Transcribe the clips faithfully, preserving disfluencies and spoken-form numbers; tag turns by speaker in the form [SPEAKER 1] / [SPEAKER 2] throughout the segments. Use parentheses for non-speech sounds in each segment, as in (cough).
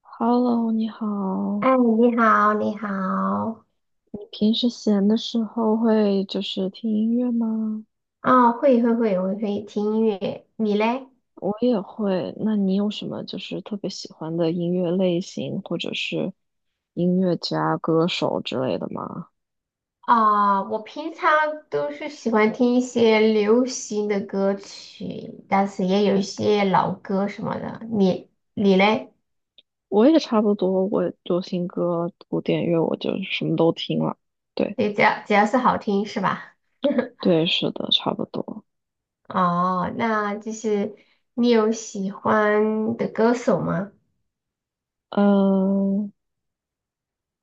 [SPEAKER 1] Hello，你
[SPEAKER 2] 哎，
[SPEAKER 1] 好。
[SPEAKER 2] 你好，你好。
[SPEAKER 1] 你平时闲的时候会就是听音乐吗？
[SPEAKER 2] 哦，会会会，我会听音乐，你嘞？
[SPEAKER 1] 我也会。那你有什么就是特别喜欢的音乐类型，或者是音乐家、歌手之类的吗？
[SPEAKER 2] 啊、我平常都是喜欢听一些流行的歌曲，但是也有一些老歌什么的。你你嘞？
[SPEAKER 1] 我也差不多，我流行歌、古典乐，我就什么都听了。对，
[SPEAKER 2] 你只要只要是好听是吧？
[SPEAKER 1] 对，是的，差不多。
[SPEAKER 2] (laughs) 哦，那就是你有喜欢的歌手吗？
[SPEAKER 1] 嗯，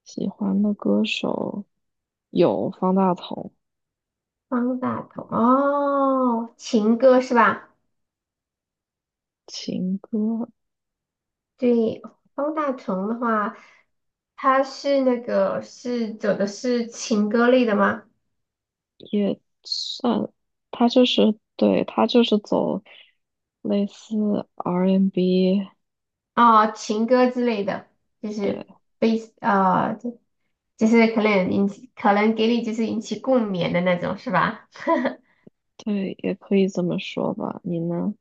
[SPEAKER 1] 喜欢的歌手有方大同，
[SPEAKER 2] 方大同，哦，情歌是吧？
[SPEAKER 1] 情歌，
[SPEAKER 2] 对，方大同的话，他是那个是走的是情歌类的吗？
[SPEAKER 1] 也算，他就是对他就是走类似 R B，n
[SPEAKER 2] 哦，情歌之类的，就
[SPEAKER 1] 对
[SPEAKER 2] 是悲啊，就就是可能引起，可能给你就是引起共鸣的那种，是吧？
[SPEAKER 1] 对，也可以这么说吧。你呢？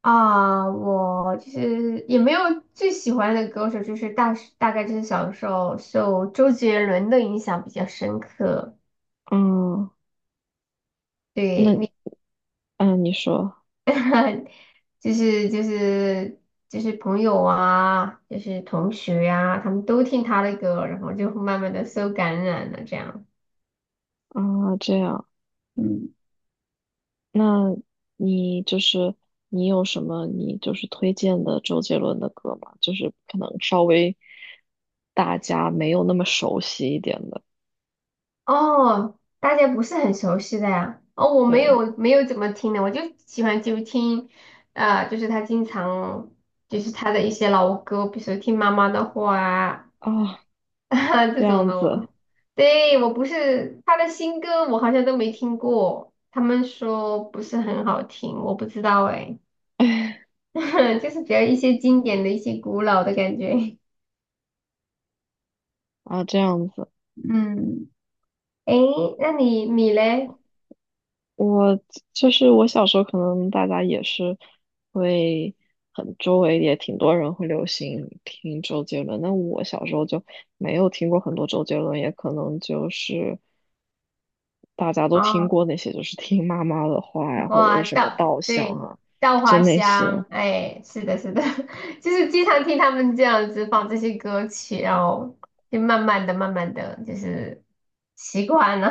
[SPEAKER 2] 啊、我就是也没有最喜欢的歌手，就是大大概就是小的时候受周杰伦的影响比较深刻。
[SPEAKER 1] 嗯，
[SPEAKER 2] 对，
[SPEAKER 1] 那嗯，你说
[SPEAKER 2] 就是就是就是朋友啊，就是同学呀、他们都听他的歌，然后就慢慢的受感染了这样。
[SPEAKER 1] 啊，这样，
[SPEAKER 2] 嗯，
[SPEAKER 1] 那你就是你有什么你就是推荐的周杰伦的歌吗？就是可能稍微大家没有那么熟悉一点的，
[SPEAKER 2] 哦，大家不是很熟悉的呀。哦，我没
[SPEAKER 1] 对
[SPEAKER 2] 有没有怎么听的，我就喜欢就听，啊，就是他经常就是他的一些老歌，比如说听妈妈的话啊
[SPEAKER 1] 啊，
[SPEAKER 2] (laughs)
[SPEAKER 1] 这
[SPEAKER 2] 这种
[SPEAKER 1] 样
[SPEAKER 2] 的我。
[SPEAKER 1] 子
[SPEAKER 2] 对，我不是他的新歌，我好像都没听过。他们说不是很好听，我不知道哎。(laughs) 就是比较一些经典的一些古老的感觉。
[SPEAKER 1] 啊，这样子。
[SPEAKER 2] 嗯，诶，那你你嘞？
[SPEAKER 1] 我就是我小时候，可能大家也是会很周围也挺多人会流行听周杰伦，那我小时候就没有听过很多周杰伦，也可能就是大家都听
[SPEAKER 2] 哦，
[SPEAKER 1] 过那些，就是听妈妈的话呀，或者
[SPEAKER 2] 花
[SPEAKER 1] 是什么
[SPEAKER 2] 稻，
[SPEAKER 1] 稻香
[SPEAKER 2] 对，
[SPEAKER 1] 啊，
[SPEAKER 2] 稻
[SPEAKER 1] 就
[SPEAKER 2] 花
[SPEAKER 1] 那些。
[SPEAKER 2] 香，哎，是的，是的，(laughs) 就是经常听他们这样子放这些歌曲，然后就慢慢的、慢慢的就是习惯了。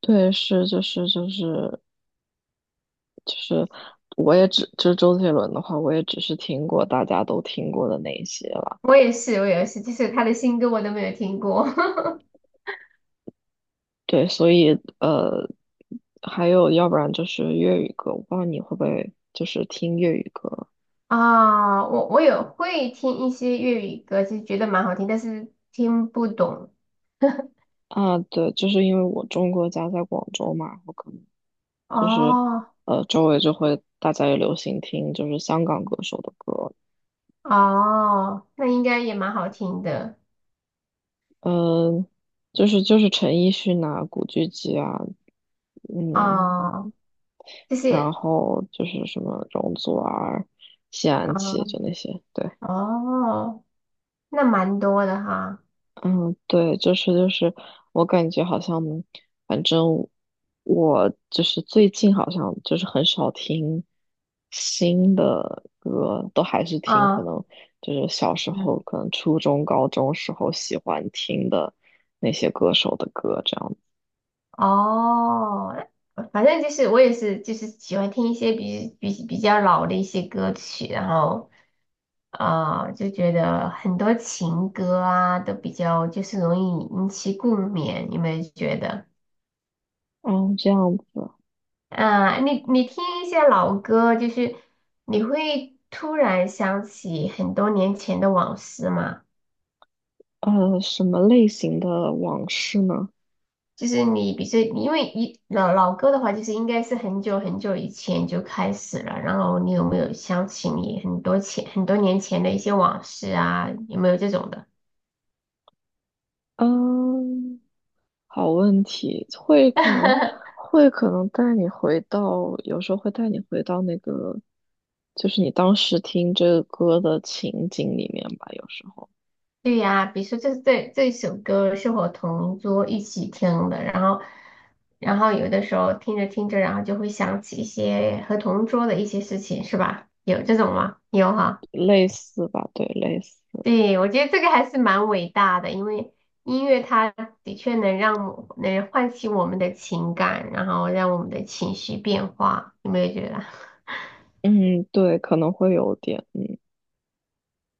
[SPEAKER 1] 对，是就是就是就是，我也只就是周杰伦的话，我也只是听过大家都听过的那一些了。
[SPEAKER 2] (laughs) 我也是，我也是，就是他的新歌我都没有听过
[SPEAKER 1] 对，所以呃，还有要不然就是粤语歌，我不知道你会不会就是听粤语歌
[SPEAKER 2] (laughs) 啊。我我有会听一些粤语歌，其实觉得蛮好听，但是听不懂。
[SPEAKER 1] 啊？对，就是因为我中国家在广州嘛，我可能就是
[SPEAKER 2] 哦，
[SPEAKER 1] 呃周围就会大家也流行听就是香港歌手的歌，
[SPEAKER 2] 哦，那应该也蛮好听的。
[SPEAKER 1] 嗯、就是就是陈奕迅啊、古巨基啊，嗯，
[SPEAKER 2] 哦，就
[SPEAKER 1] 然
[SPEAKER 2] 是
[SPEAKER 1] 后就是什么容祖儿、谢安琪就
[SPEAKER 2] 啊
[SPEAKER 1] 那些，对。
[SPEAKER 2] 哦，那蛮多的哈。
[SPEAKER 1] 嗯，对，就是就是，我感觉好像，反正我就是最近好像就是很少听新的歌，都还是听可
[SPEAKER 2] 啊
[SPEAKER 1] 能就是小时候，
[SPEAKER 2] 嗯
[SPEAKER 1] 可能初中、高中时候喜欢听的那些歌手的歌这样子。
[SPEAKER 2] 哦，反正就是我也是就是喜欢听一些比比比较老的一些歌曲，然后啊、呃就觉得很多情歌啊都比较就是容易引起共鸣，你有没有觉得？
[SPEAKER 1] 哦，这样子，
[SPEAKER 2] 嗯，你你听一些老歌，就是你会突然想起很多年前的往事嘛？
[SPEAKER 1] 呃，什么类型的往事呢？
[SPEAKER 2] 就是你，比如说，因为一老老歌的话，就是应该是很久很久以前就开始了。然后你有没有想起你很多前很多年前的一些往事啊？有没有这种的？
[SPEAKER 1] 嗯。好问题，会可能
[SPEAKER 2] (laughs)
[SPEAKER 1] 会可能带你回到，有时候会带你回到那个，就是你当时听这个歌的情景里面吧，有时候
[SPEAKER 2] 对呀，比如说这这这首歌是我同桌一起听的，然后然后有的时候听着听着，然后就会想起一些和同桌的一些事情，是吧？有这种吗？有哈。
[SPEAKER 1] 类似吧，对，类似，
[SPEAKER 2] 对，我觉得这个还是蛮伟大的，因为音乐它的确能让我能唤起我们的情感，然后让我们的情绪变化，有没有觉得？
[SPEAKER 1] 嗯，对，可能会有点，嗯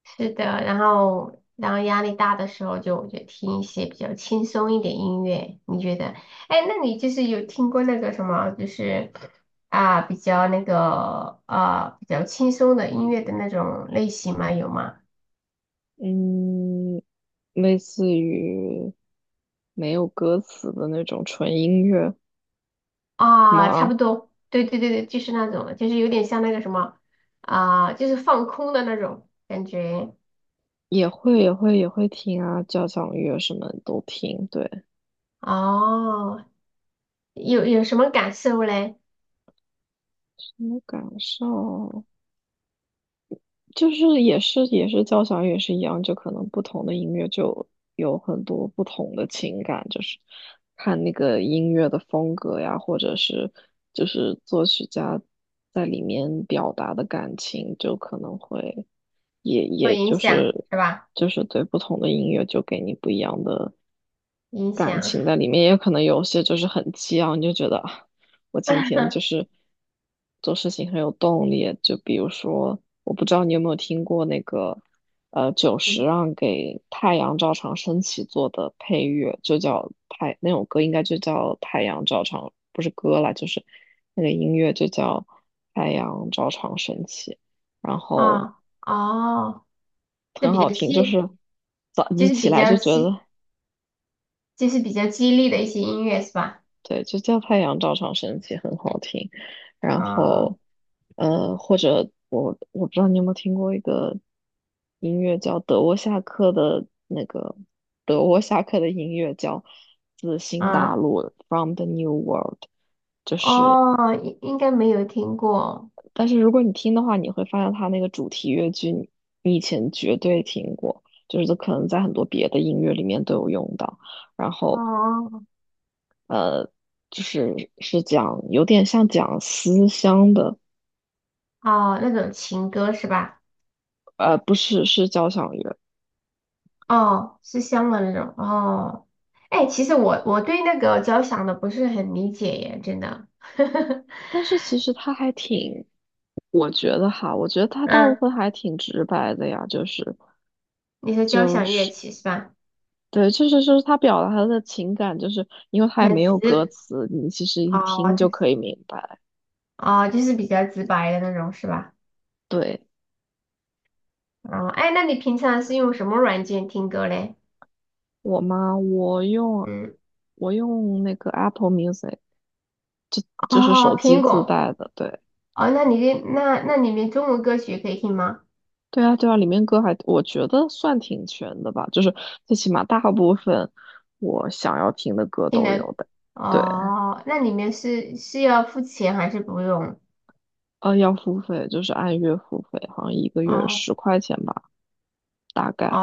[SPEAKER 2] 是的，然后然后压力大的时候就就听一些比较轻松一点音乐，你觉得？哎，那你就是有听过那个什么，就是啊比较那个啊比较轻松的音乐的那种类型吗？有吗？
[SPEAKER 1] 嗯，类似于没有歌词的那种纯音乐
[SPEAKER 2] 啊，差不
[SPEAKER 1] 吗？
[SPEAKER 2] 多，对对对对，就是那种，就是有点像那个什么啊，就是放空的那种感觉。
[SPEAKER 1] 也会也会也会听啊，交响乐什么都听，对，
[SPEAKER 2] 哦，有有什么感受嘞？
[SPEAKER 1] 什么感受？就是也是也是交响乐也是一样，就可能不同的音乐就有很多不同的情感，就是看那个音乐的风格呀，或者是就是作曲家在里面表达的感情，就可能会。也也
[SPEAKER 2] 会影
[SPEAKER 1] 就
[SPEAKER 2] 响
[SPEAKER 1] 是
[SPEAKER 2] 是吧？
[SPEAKER 1] 就是对不同的音乐就给你不一样的
[SPEAKER 2] 影
[SPEAKER 1] 感
[SPEAKER 2] 响。
[SPEAKER 1] 情在里面，也可能有些就是很激昂，你就觉得啊，我今天就
[SPEAKER 2] (laughs)
[SPEAKER 1] 是做事情很有动力。就比如说，我不知道你有没有听过那个呃久石让给《太阳照常升起》做的配乐，就叫太那首歌应该就叫《太阳照常》，不是歌啦，就是那个音乐就叫《太阳照常升起》。然后
[SPEAKER 2] 啊哦，就
[SPEAKER 1] 很
[SPEAKER 2] 比
[SPEAKER 1] 好
[SPEAKER 2] 较
[SPEAKER 1] 听，就
[SPEAKER 2] 激，
[SPEAKER 1] 是早
[SPEAKER 2] 就
[SPEAKER 1] 你
[SPEAKER 2] 是
[SPEAKER 1] 起
[SPEAKER 2] 比
[SPEAKER 1] 来
[SPEAKER 2] 较
[SPEAKER 1] 就觉
[SPEAKER 2] 激，
[SPEAKER 1] 得，
[SPEAKER 2] 就是比较激励的一些音乐是吧？
[SPEAKER 1] 对，就叫太阳照常升起，很好听。然
[SPEAKER 2] 啊
[SPEAKER 1] 后，呃，或者我我不知道你有没有听过一个音乐叫德沃夏克的那个德沃夏克的音乐叫《自新
[SPEAKER 2] 啊
[SPEAKER 1] 大陆》（From the New World），就是，
[SPEAKER 2] 哦，应应该没有听过。
[SPEAKER 1] 但是如果你听的话，你会发现它那个主题乐句你你以前绝对听过，就是可能在很多别的音乐里面都有用到。然后
[SPEAKER 2] 哦
[SPEAKER 1] 呃，就是是讲有点像讲思乡的，
[SPEAKER 2] 哦，那种情歌是吧？
[SPEAKER 1] 呃，不是是交响乐，
[SPEAKER 2] 哦，是香的那种哦。哎，其实我我对那个交响的不是很理解耶，真的。(laughs)
[SPEAKER 1] 但是其实它还挺，我觉得哈，我觉得它大部
[SPEAKER 2] 嗯，
[SPEAKER 1] 分还挺直白的呀，就是
[SPEAKER 2] 你说交
[SPEAKER 1] 就
[SPEAKER 2] 响乐
[SPEAKER 1] 是
[SPEAKER 2] 器是吧？
[SPEAKER 1] 对，就是就是他表达他的情感，就是因为他也
[SPEAKER 2] 很
[SPEAKER 1] 没有歌
[SPEAKER 2] 直
[SPEAKER 1] 词，你其实一
[SPEAKER 2] 哦，
[SPEAKER 1] 听
[SPEAKER 2] 它
[SPEAKER 1] 就
[SPEAKER 2] 是
[SPEAKER 1] 可以明白。
[SPEAKER 2] 哦，就是比较直白的那种是吧？
[SPEAKER 1] 对，
[SPEAKER 2] 哦，哎，那你平常是用什么软件听歌嘞？
[SPEAKER 1] 我妈，我用
[SPEAKER 2] 嗯，
[SPEAKER 1] 我用那个 Apple Music，就是手
[SPEAKER 2] 哦，
[SPEAKER 1] 机
[SPEAKER 2] 苹
[SPEAKER 1] 自
[SPEAKER 2] 果。
[SPEAKER 1] 带的，对。
[SPEAKER 2] 哦，那你的那那里面中文歌曲可以听吗？
[SPEAKER 1] 对啊，对啊，里面歌还我觉得算挺全的吧，就是最起码大部分我想要听的歌
[SPEAKER 2] 听
[SPEAKER 1] 都
[SPEAKER 2] 的。
[SPEAKER 1] 有的。对，
[SPEAKER 2] 哦，那里面是是要付钱还是不用？
[SPEAKER 1] 呃，要付费，就是按月付费，好像一个月
[SPEAKER 2] 哦
[SPEAKER 1] 十块钱吧，大概。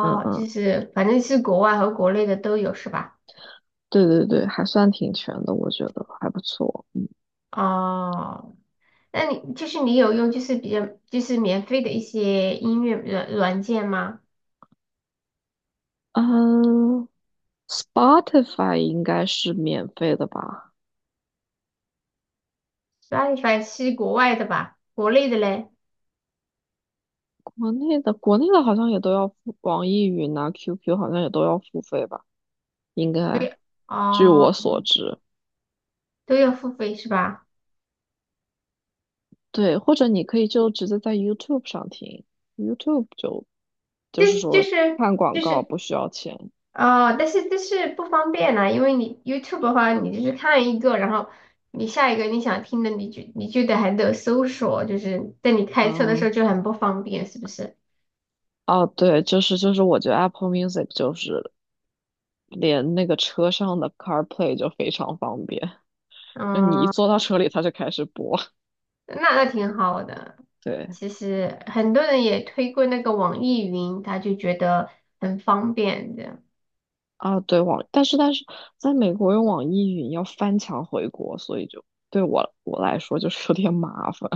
[SPEAKER 1] 嗯
[SPEAKER 2] 就
[SPEAKER 1] 嗯，
[SPEAKER 2] 是反正是国外和国内的都有是吧？
[SPEAKER 1] 对对对，还算挺全的，我觉得还不错。
[SPEAKER 2] 哦，那你就是你有用就是比较就是免费的一些音乐软软件吗
[SPEAKER 1] 嗯，Spotify 应该是免费的吧？
[SPEAKER 2] ？Spotify 是国外的吧？国内的嘞？
[SPEAKER 1] 国内的国内的好像也都要付，网易云啊、Q Q 好像也都要付费吧？应该，
[SPEAKER 2] 对，
[SPEAKER 1] 据
[SPEAKER 2] 哦，
[SPEAKER 1] 我所知。
[SPEAKER 2] 都要付费是吧？
[SPEAKER 1] 对，或者你可以就直接在 YouTube 上听，YouTube 就就是
[SPEAKER 2] 就
[SPEAKER 1] 说
[SPEAKER 2] 是
[SPEAKER 1] 看广
[SPEAKER 2] 就
[SPEAKER 1] 告
[SPEAKER 2] 是。
[SPEAKER 1] 不需要钱。
[SPEAKER 2] 哦，但是但是不方便呐、因为你 YouTube 的话，你就是看一个，然后你下一个你想听的，你就你就得还得搜索，就是在你开车的时候
[SPEAKER 1] 嗯，
[SPEAKER 2] 就很不方便，是不是？
[SPEAKER 1] 哦，对，就是就是，我觉得 Apple Music 就是连那个车上的 CarPlay 就非常方便，就你一
[SPEAKER 2] 嗯，
[SPEAKER 1] 坐到车里，它就开始播。
[SPEAKER 2] 那那挺好的。
[SPEAKER 1] 对，
[SPEAKER 2] 其实很多人也推过那个网易云，他就觉得很方便的。
[SPEAKER 1] 啊，对，网，但是但是在美国用网易云要翻墙回国，所以就对我我来说就是有点麻烦。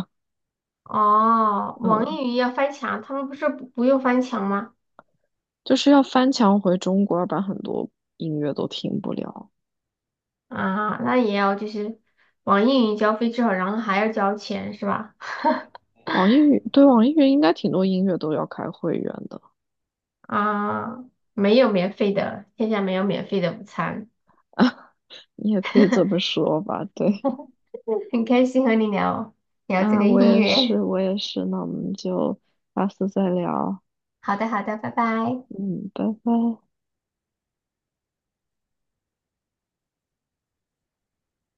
[SPEAKER 2] 哦，网
[SPEAKER 1] 嗯，
[SPEAKER 2] 易云要翻墙，他们不是不不用翻墙吗？
[SPEAKER 1] 就是要翻墙回中国，要不然很多音乐都听不了。
[SPEAKER 2] 啊，那也要就是网易云交费之后，然后还要交钱是吧？
[SPEAKER 1] 网易云，对，网易云应该挺多音乐都要开会员的，
[SPEAKER 2] 啊，没有免费的，天下没有免费的午餐。
[SPEAKER 1] 你也可以这么
[SPEAKER 2] (laughs)
[SPEAKER 1] 说吧，对。
[SPEAKER 2] 嗯，很开心和你聊
[SPEAKER 1] (laughs)
[SPEAKER 2] 聊这
[SPEAKER 1] 啊，
[SPEAKER 2] 个
[SPEAKER 1] 我
[SPEAKER 2] 音
[SPEAKER 1] 也
[SPEAKER 2] 乐。
[SPEAKER 1] 是，我也是，那我们就下次再聊，
[SPEAKER 2] 好的，好的，拜拜。
[SPEAKER 1] 嗯，拜拜。